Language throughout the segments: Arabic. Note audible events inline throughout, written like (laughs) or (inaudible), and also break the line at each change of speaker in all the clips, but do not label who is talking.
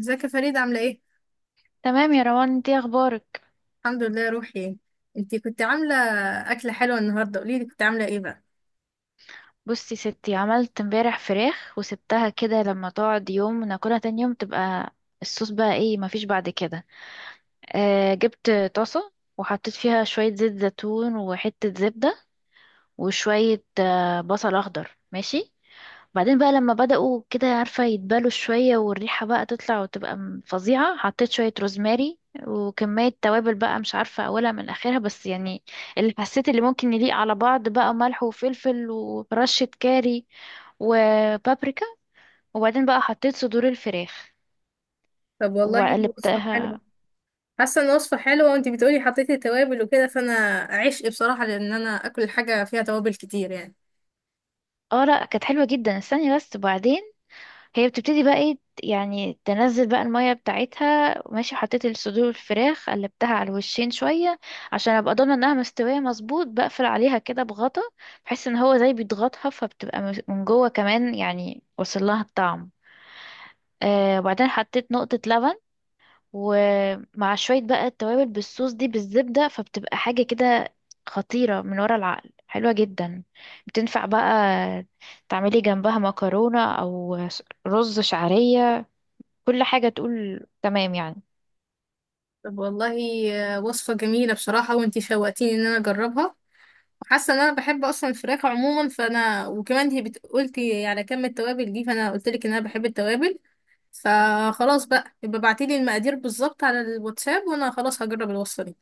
ازيك يا فريدة؟ عاملة ايه؟
تمام يا روان، انتي اخبارك؟
الحمد لله يا روحي. انتي كنت عاملة أكلة حلوة النهاردة، قوليلي كنت عاملة ايه بقى؟
بصي ستي، عملت امبارح فراخ وسبتها كده لما تقعد يوم وناكلها تاني يوم تبقى الصوص بقى ايه. مفيش بعد كده. جبت طاسة وحطيت فيها شوية زيت زيتون وحتة زبدة وشوية بصل اخضر، ماشي. بعدين بقى لما بدأوا كده، عارفة، يتبالوا شوية والريحة بقى تطلع وتبقى فظيعة، حطيت شوية روزماري وكمية توابل بقى مش عارفة أولها من آخرها، بس يعني اللي حسيت اللي ممكن يليق على بعض بقى ملح وفلفل ورشة كاري وبابريكا. وبعدين بقى حطيت صدور الفراخ
طب والله، وصفة حلوة.
وقلبتها.
حاسة ان وصفة حلوة، وانتي بتقولي حطيتي توابل وكده، فانا عشق بصراحة، لان انا اكل حاجة فيها توابل كتير يعني.
اه لا، كانت حلوة جدا. استني بس، وبعدين هي بتبتدي بقى ايه يعني، تنزل بقى المية بتاعتها، ماشي. حطيت الصدور الفراخ، قلبتها على الوشين شوية عشان ابقى ضامنة انها مستوية مظبوط، بقفل عليها كده بغطا بحيث ان هو زي بيضغطها، فبتبقى من جوه كمان، يعني وصل لها الطعم. وبعدين حطيت نقطة لبن ومع شوية بقى التوابل بالصوص دي بالزبدة، فبتبقى حاجة كده خطيرة من ورا العقل، حلوة جدا. بتنفع بقى تعملي جنبها مكرونة أو رز شعرية، كل حاجة تقول تمام يعني.
طب والله، وصفة جميلة بصراحة، وانتي شوقتيني ان انا اجربها. وحاسة ان انا بحب اصلا الفراخ عموما، فانا وكمان انتي قلتي على كم التوابل دي، فانا قلتلك ان انا بحب التوابل. فخلاص بقى، يبقى ابعتيلي المقادير بالظبط على الواتساب، وانا خلاص هجرب الوصفة دي.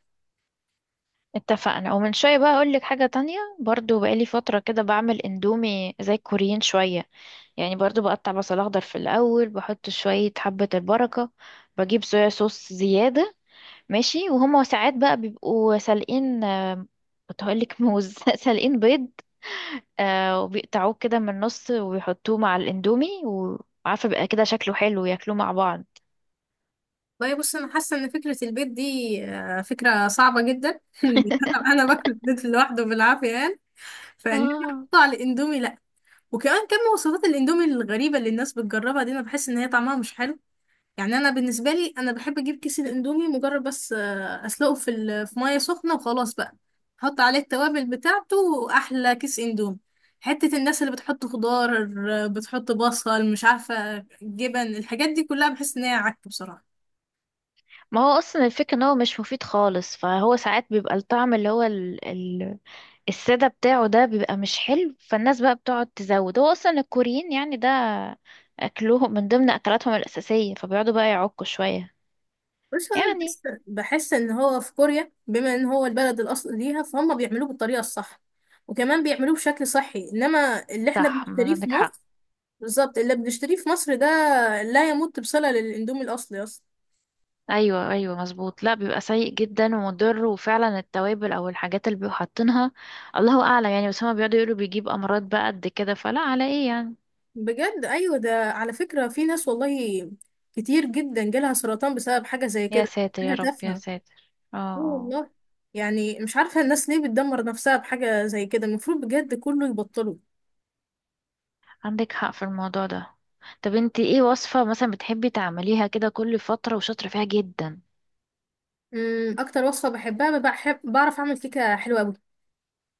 اتفقنا. ومن شوية بقى أقولك حاجة تانية برضو، بقالي فترة كده بعمل اندومي زي الكوريين شوية يعني. برضو بقطع بصل أخضر في الأول، بحط شوية حبة البركة، بجيب صويا صوص زيادة، ماشي. وهما ساعات بقى بيبقوا سالقين، كنت هقولك موز (laughs) سالقين بيض، وبيقطعوه كده من النص وبيحطوه مع الاندومي، وعارفة بقى كده شكله حلو، ياكلوه مع بعض.
والله بص، انا حاسه ان فكره البيت دي فكره صعبه جدا. (laughs)
(laughs)
انا باكل البيض لوحده بالعافيه يعني، فان انا
آه.
احطه على الاندومي؟ لا. وكمان كم وصفات الاندومي الغريبه اللي الناس بتجربها دي، انا بحس ان هي طعمها مش حلو. يعني انا بالنسبه لي، انا بحب اجيب كيس الاندومي مجرد بس، اسلقه في في ميه سخنه، وخلاص بقى احط عليه التوابل بتاعته، واحلى كيس اندومي. حته الناس اللي بتحط خضار، بتحط بصل، مش عارفه جبن، الحاجات دي كلها بحس ان هي عك بصراحه.
ما هو اصلا الفكرة ان هو مش مفيد خالص، فهو ساعات بيبقى الطعم اللي هو السادة بتاعه ده بيبقى مش حلو، فالناس بقى بتقعد تزود. هو اصلا الكوريين يعني ده اكلهم من ضمن اكلاتهم الاساسية، فبيقعدوا بقى يعكوا شوية
بس انا بحس
يعني.
بحس ان هو في كوريا، بما ان هو البلد الاصل ليها، فهم بيعملوه بالطريقه الصح، وكمان بيعملوه بشكل صحي. انما اللي احنا
صح، ما
بنشتريه في
عندك حق.
مصر، بالظبط اللي بنشتريه في مصر ده، لا يمت بصله للاندومي الاصلي اصلا.
ايوه ايوه مظبوط، لا بيبقى سيء جدا ومضر، وفعلا التوابل او الحاجات اللي بيبقوا حاطينها الله اعلم يعني، بس هما بيقعدوا يقولوا بيجيب امراض بقى قد كده، فلا على ايه يعني.
بجد. ايوه، ده على فكره في ناس والله كتير جدا جالها سرطان بسبب حاجه زي
يا
كده.
ساتر يا
حاجه
رب
تافهه.
يا
اه
ساتر. اه آه.
والله. يعني مش عارفه الناس ليه بتدمر نفسها بحاجه زي كده، المفروض بجد كله يبطله.
عندك حق في الموضوع ده. طب انت ايه وصفة مثلا بتحبي تعمليها كده كل فترة وشاطرة فيها جدا؟
اكتر وصفه بحبها، بحب، بعرف اعمل كيكه حلوه قوي.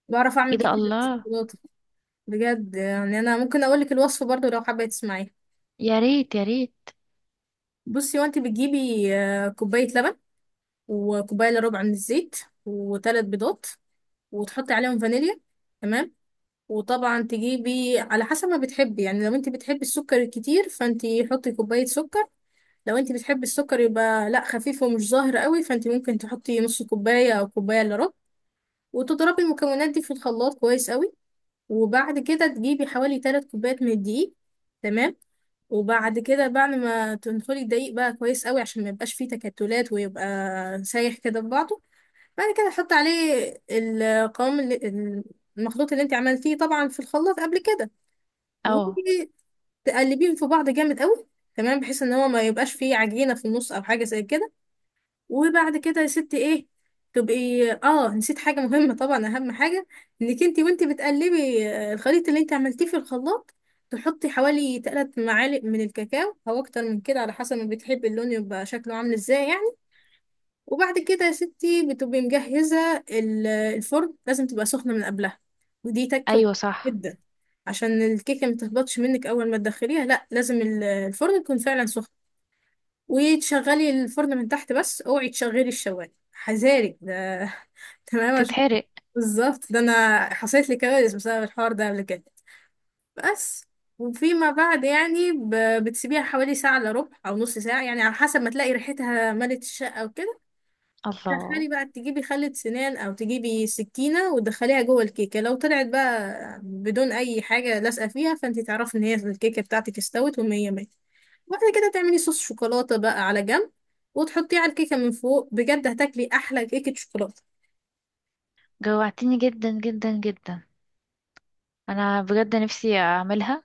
بعرف اعمل
ايه ده،
كتير
الله.
بالشوكولاته. بجد. يعني انا ممكن اقول لك الوصفه برضو لو حابه تسمعيها.
يا ريت يا ريت.
بصي، وانت بتجيبي كوبايه لبن، وكوبايه الا ربع من الزيت، وثلاث بيضات، وتحطي عليهم فانيليا، تمام؟ وطبعا تجيبي على حسب ما بتحبي، يعني لو انت بتحبي السكر الكتير، فانت حطي كوبايه سكر. لو انت بتحبي السكر يبقى لا، خفيف ومش ظاهر قوي، فانت ممكن تحطي نص كوبايه او كوبايه الا ربع. وتضربي المكونات دي في الخلاط كويس قوي. وبعد كده تجيبي حوالي 3 كوبايات من الدقيق، تمام؟ وبعد كده، بعد ما تنخلي الدقيق بقى كويس قوي عشان ما يبقاش فيه تكتلات ويبقى سايح كده في بعضه، بعد كده حط عليه القوام اللي، المخلوط اللي انت عملتيه طبعا في الخلاط قبل كده،
اه
وتقلبيهم في بعض جامد قوي، تمام؟ بحيث ان هو ما يبقاش فيه عجينة في النص او حاجة زي كده. وبعد كده يا ستي ايه، تبقي نسيت حاجة مهمة طبعا، اهم حاجة انك انتي، وانتي بتقلبي الخليط اللي انتي عملتيه في الخلاط، تحطي حوالي 3 معالق من الكاكاو او اكتر من كده، على حسب ما بتحبي اللون يبقى شكله عامل ازاي يعني. وبعد كده يا ستي، بتبقي مجهزة الفرن، لازم تبقى سخنة من قبلها، ودي تك مهمة
ايوه صح.
جدا، عشان الكيكة ما تهبطش منك اول ما تدخليها. لا، لازم الفرن يكون فعلا سخن. وتشغلي الفرن من تحت بس، اوعي تشغلي الشوايه، حذارك ده! (laughs) تمام،
تتحرق.
بالظبط، ده انا حصلت لي كوارث بسبب الحوار ده قبل كده. بس وفيما بعد يعني بتسيبيها حوالي ساعة إلا ربع أو نص ساعة، يعني على حسب ما تلاقي ريحتها ملت الشقة وكده.
الله،
تدخلي بقى تجيبي خلة سنان أو تجيبي سكينة وتدخليها جوه الكيكة، لو طلعت بقى بدون أي حاجة لازقة فيها، فأنت تعرفي إن هي الكيكة بتاعتك استوت ومية مية. بعد كده تعملي صوص شوكولاتة بقى على جنب، وتحطيه على الكيكة من فوق، بجد هتاكلي أحلى كيكة شوكولاتة.
جوعتيني جدا جدا جدا. انا بجد نفسي اعملها.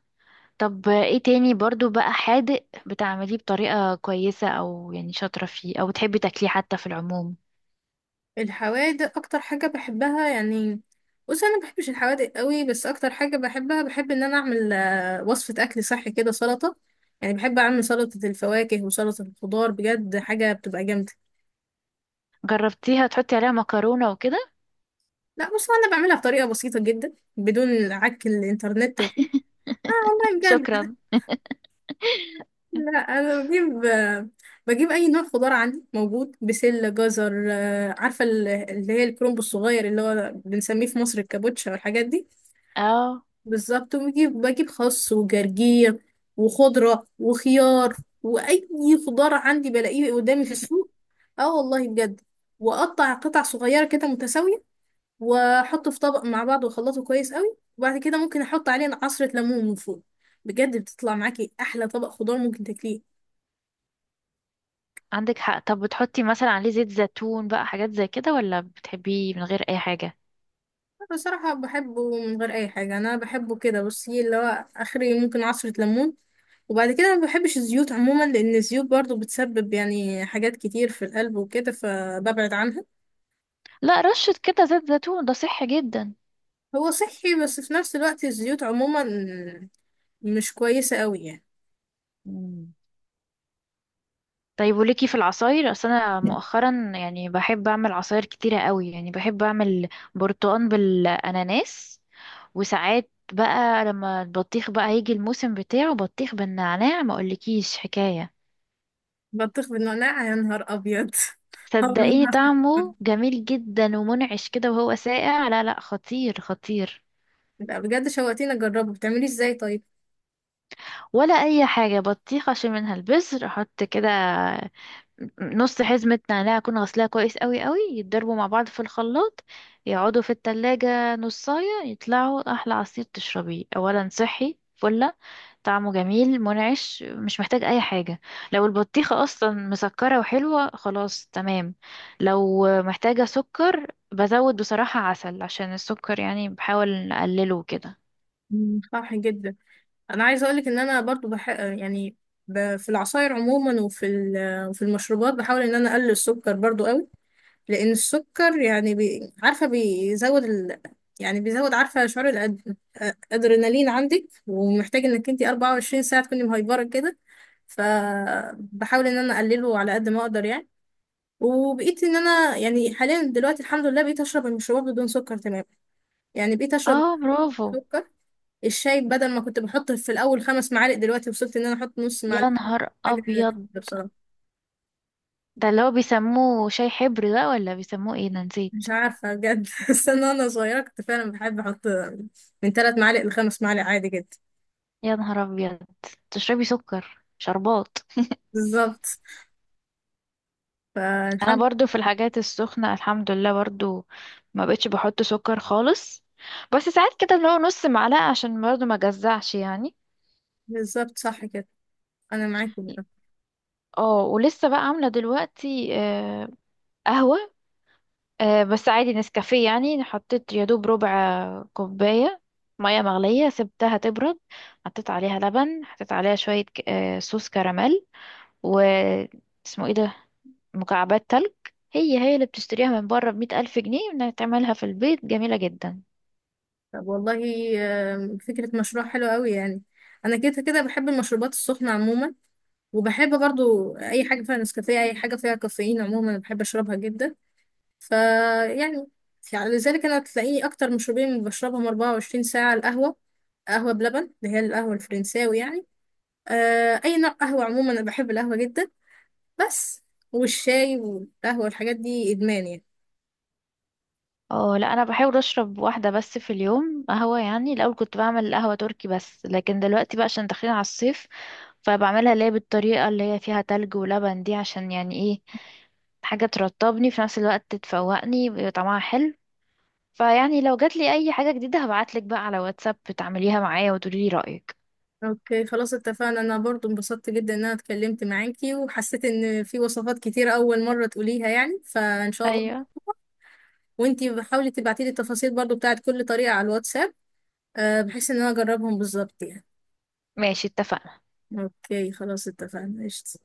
طب ايه تاني برضو بقى حادق بتعمليه بطريقة كويسة، او يعني شاطرة فيه، او بتحبي تاكليه حتى في العموم؟
الحوادق أكتر حاجة بحبها يعني. بص أنا مبحبش الحوادق قوي، بس أكتر حاجة بحبها، بحب إن أنا أعمل وصفة أكل صحي كده، سلطة. يعني بحب أعمل سلطة الفواكه وسلطة الخضار، بجد حاجة بتبقى جامدة.
جربتيها تحطي عليها مكرونة وكده؟
لا بص، أنا بعملها بطريقة بسيطة جدا، بدون عك الإنترنت وكده. آه والله بجد.
شكرا. (laughs)
لا، انا بجيب اي نوع خضار عندي موجود، بسله، جزر، عارفه اللي هي الكرنب الصغير اللي هو بنسميه في مصر الكابوتشا والحاجات دي.
اه.
بالظبط. وبجيب، بجيب خس وجرجير وخضره وخيار، واي خضار عندي بلاقيه قدامي في السوق. اه والله بجد. واقطع قطع صغيره كده متساويه، واحطه في طبق مع بعض، واخلطه كويس قوي، وبعد كده ممكن احط عليه عصره ليمون من فوق. بجد بتطلع معاكي احلى طبق خضار ممكن تاكليه.
عندك حق. طب بتحطي مثلا عليه زيت زيتون بقى، حاجات زي كده، ولا بتحبيه من غير اي حاجة؟
بصراحة بحبه من غير أي حاجة، أنا بحبه كده. بصي، اللي هو آخري ممكن عصرة ليمون، وبعد كده ما بحبش الزيوت عموما، لأن الزيوت برضو بتسبب يعني حاجات كتير في القلب وكده، فببعد عنها.
لا، رشة كده زيت زيتون ده صحي جدا.
هو صحي، بس في نفس الوقت الزيوت عموما مش كويسة قوي يعني.
مم. طيب، وليكي في العصاير؟ اصل انا مؤخرا يعني بحب اعمل عصاير كتيرة قوي، يعني بحب اعمل برتقان بالاناناس، وساعات بقى لما البطيخ بقى يجي الموسم بتاعه بطيخ بالنعناع، ما اقولكيش حكاية.
بطيخ بالنعناع؟ يا نهار أبيض! (laughs) هبل.
صدقيني طعمه جميل جدا ومنعش كده، وهو ساقع لا لا، خطير خطير.
لا بجد، شوقتيني أجربه، بتعمليه ازاي طيب؟
ولا اي حاجه، بطيخه اشيل منها البذر، احط كده نص حزمه نعناع اكون غسلاها كويس قوي قوي، يتضربوا مع بعض في الخلاط، يقعدوا في التلاجة نصاية، يطلعوا احلى عصير تشربيه. اولا صحي فله، طعمه جميل منعش، مش محتاج اي حاجه. لو البطيخه اصلا مسكره وحلوه خلاص تمام، لو محتاجه سكر بزود بصراحه عسل، عشان السكر يعني بحاول اقلله كده.
مم، صح جدا. انا عايزه اقولك ان انا برضو يعني في العصاير عموما، وفي وفي المشروبات، بحاول ان انا اقلل السكر برضو قوي. لان السكر يعني عارفه بيزود يعني بيزود عارفه شعور الادرينالين عندك، ومحتاج انك انت 24 ساعه تكوني مهيبره كده، فبحاول ان انا اقلله على قد ما اقدر يعني. وبقيت ان انا يعني حاليا دلوقتي الحمد لله، بقيت اشرب المشروبات بدون سكر تماما. يعني بقيت اشرب
اه، برافو.
الشاي، بدل ما كنت بحط في الاول 5 معالق، دلوقتي وصلت ان انا احط نص معلقه،
يا نهار
حاجه كده،
ابيض.
بصراحه.
ده اللي هو بيسموه شاي حبر ده، ولا بيسموه ايه ده، نسيت.
مش عارفه بجد. (laughs) بس انا وانا صغيره كنت فعلا بحب احط من 3 معالق لخمس معالق، عادي جدا.
يا نهار ابيض، تشربي سكر شربات.
بالظبط،
انا
فالحمد.
برضو في الحاجات السخنة الحمد لله، برضو ما بقتش بحط سكر خالص، بس ساعات كده اللي هو نص معلقة عشان برضو ما جزعش يعني.
بالظبط، صح كده، انا معاكم بقى.
اه، ولسه بقى عاملة دلوقتي قهوة. بس عادي نسكافيه يعني، حطيت يا دوب ربع كوباية مية مغلية سبتها تبرد، حطيت عليها لبن، حطيت عليها شوية صوص كراميل، و اسمه ايه ده، مكعبات تلج. هي هي اللي بتشتريها من بره ب100,000 جنيه، انك تعملها في البيت جميلة جدا.
طب والله، فكره مشروع حلو قوي يعني. انا كده كده بحب المشروبات السخنه عموما، وبحب برضو اي حاجه فيها نسكافيه، اي حاجه فيها كافيين عموما بحب اشربها جدا. فيعني لذلك انا تلاقيني اكتر مشروبين اللي بشربهم 24 ساعه، القهوه، قهوه بلبن، اللي هي القهوه الفرنساوي يعني. آه، اي نوع قهوه عموما انا بحب القهوه جدا. بس والشاي والقهوه والحاجات دي ادمان يعني.
اه لا، انا بحاول اشرب واحدة بس في اليوم قهوة يعني، الاول كنت بعمل قهوة تركي، بس لكن دلوقتي بقى عشان داخلين على الصيف، فبعملها اللي هي بالطريقة اللي هي فيها تلج ولبن دي، عشان يعني ايه، حاجة ترطبني في نفس الوقت تفوقني ويبقى طعمها حلو. فيعني لو جاتلي اي حاجة جديدة هبعتلك بقى على واتساب تعمليها معايا وتقولي لي رأيك.
اوكي خلاص اتفقنا، انا برضو انبسطت جدا ان انا اتكلمت معاكي، وحسيت ان في وصفات كتير اول مره تقوليها يعني، فان شاء الله.
ايوه،
وانتي حاولي تبعتيلي التفاصيل برضو بتاعت كل طريقه على الواتساب، آه، بحيث ان انا اجربهم بالظبط يعني.
ماشي، اتفقنا.
اوكي خلاص اتفقنا، قشطة.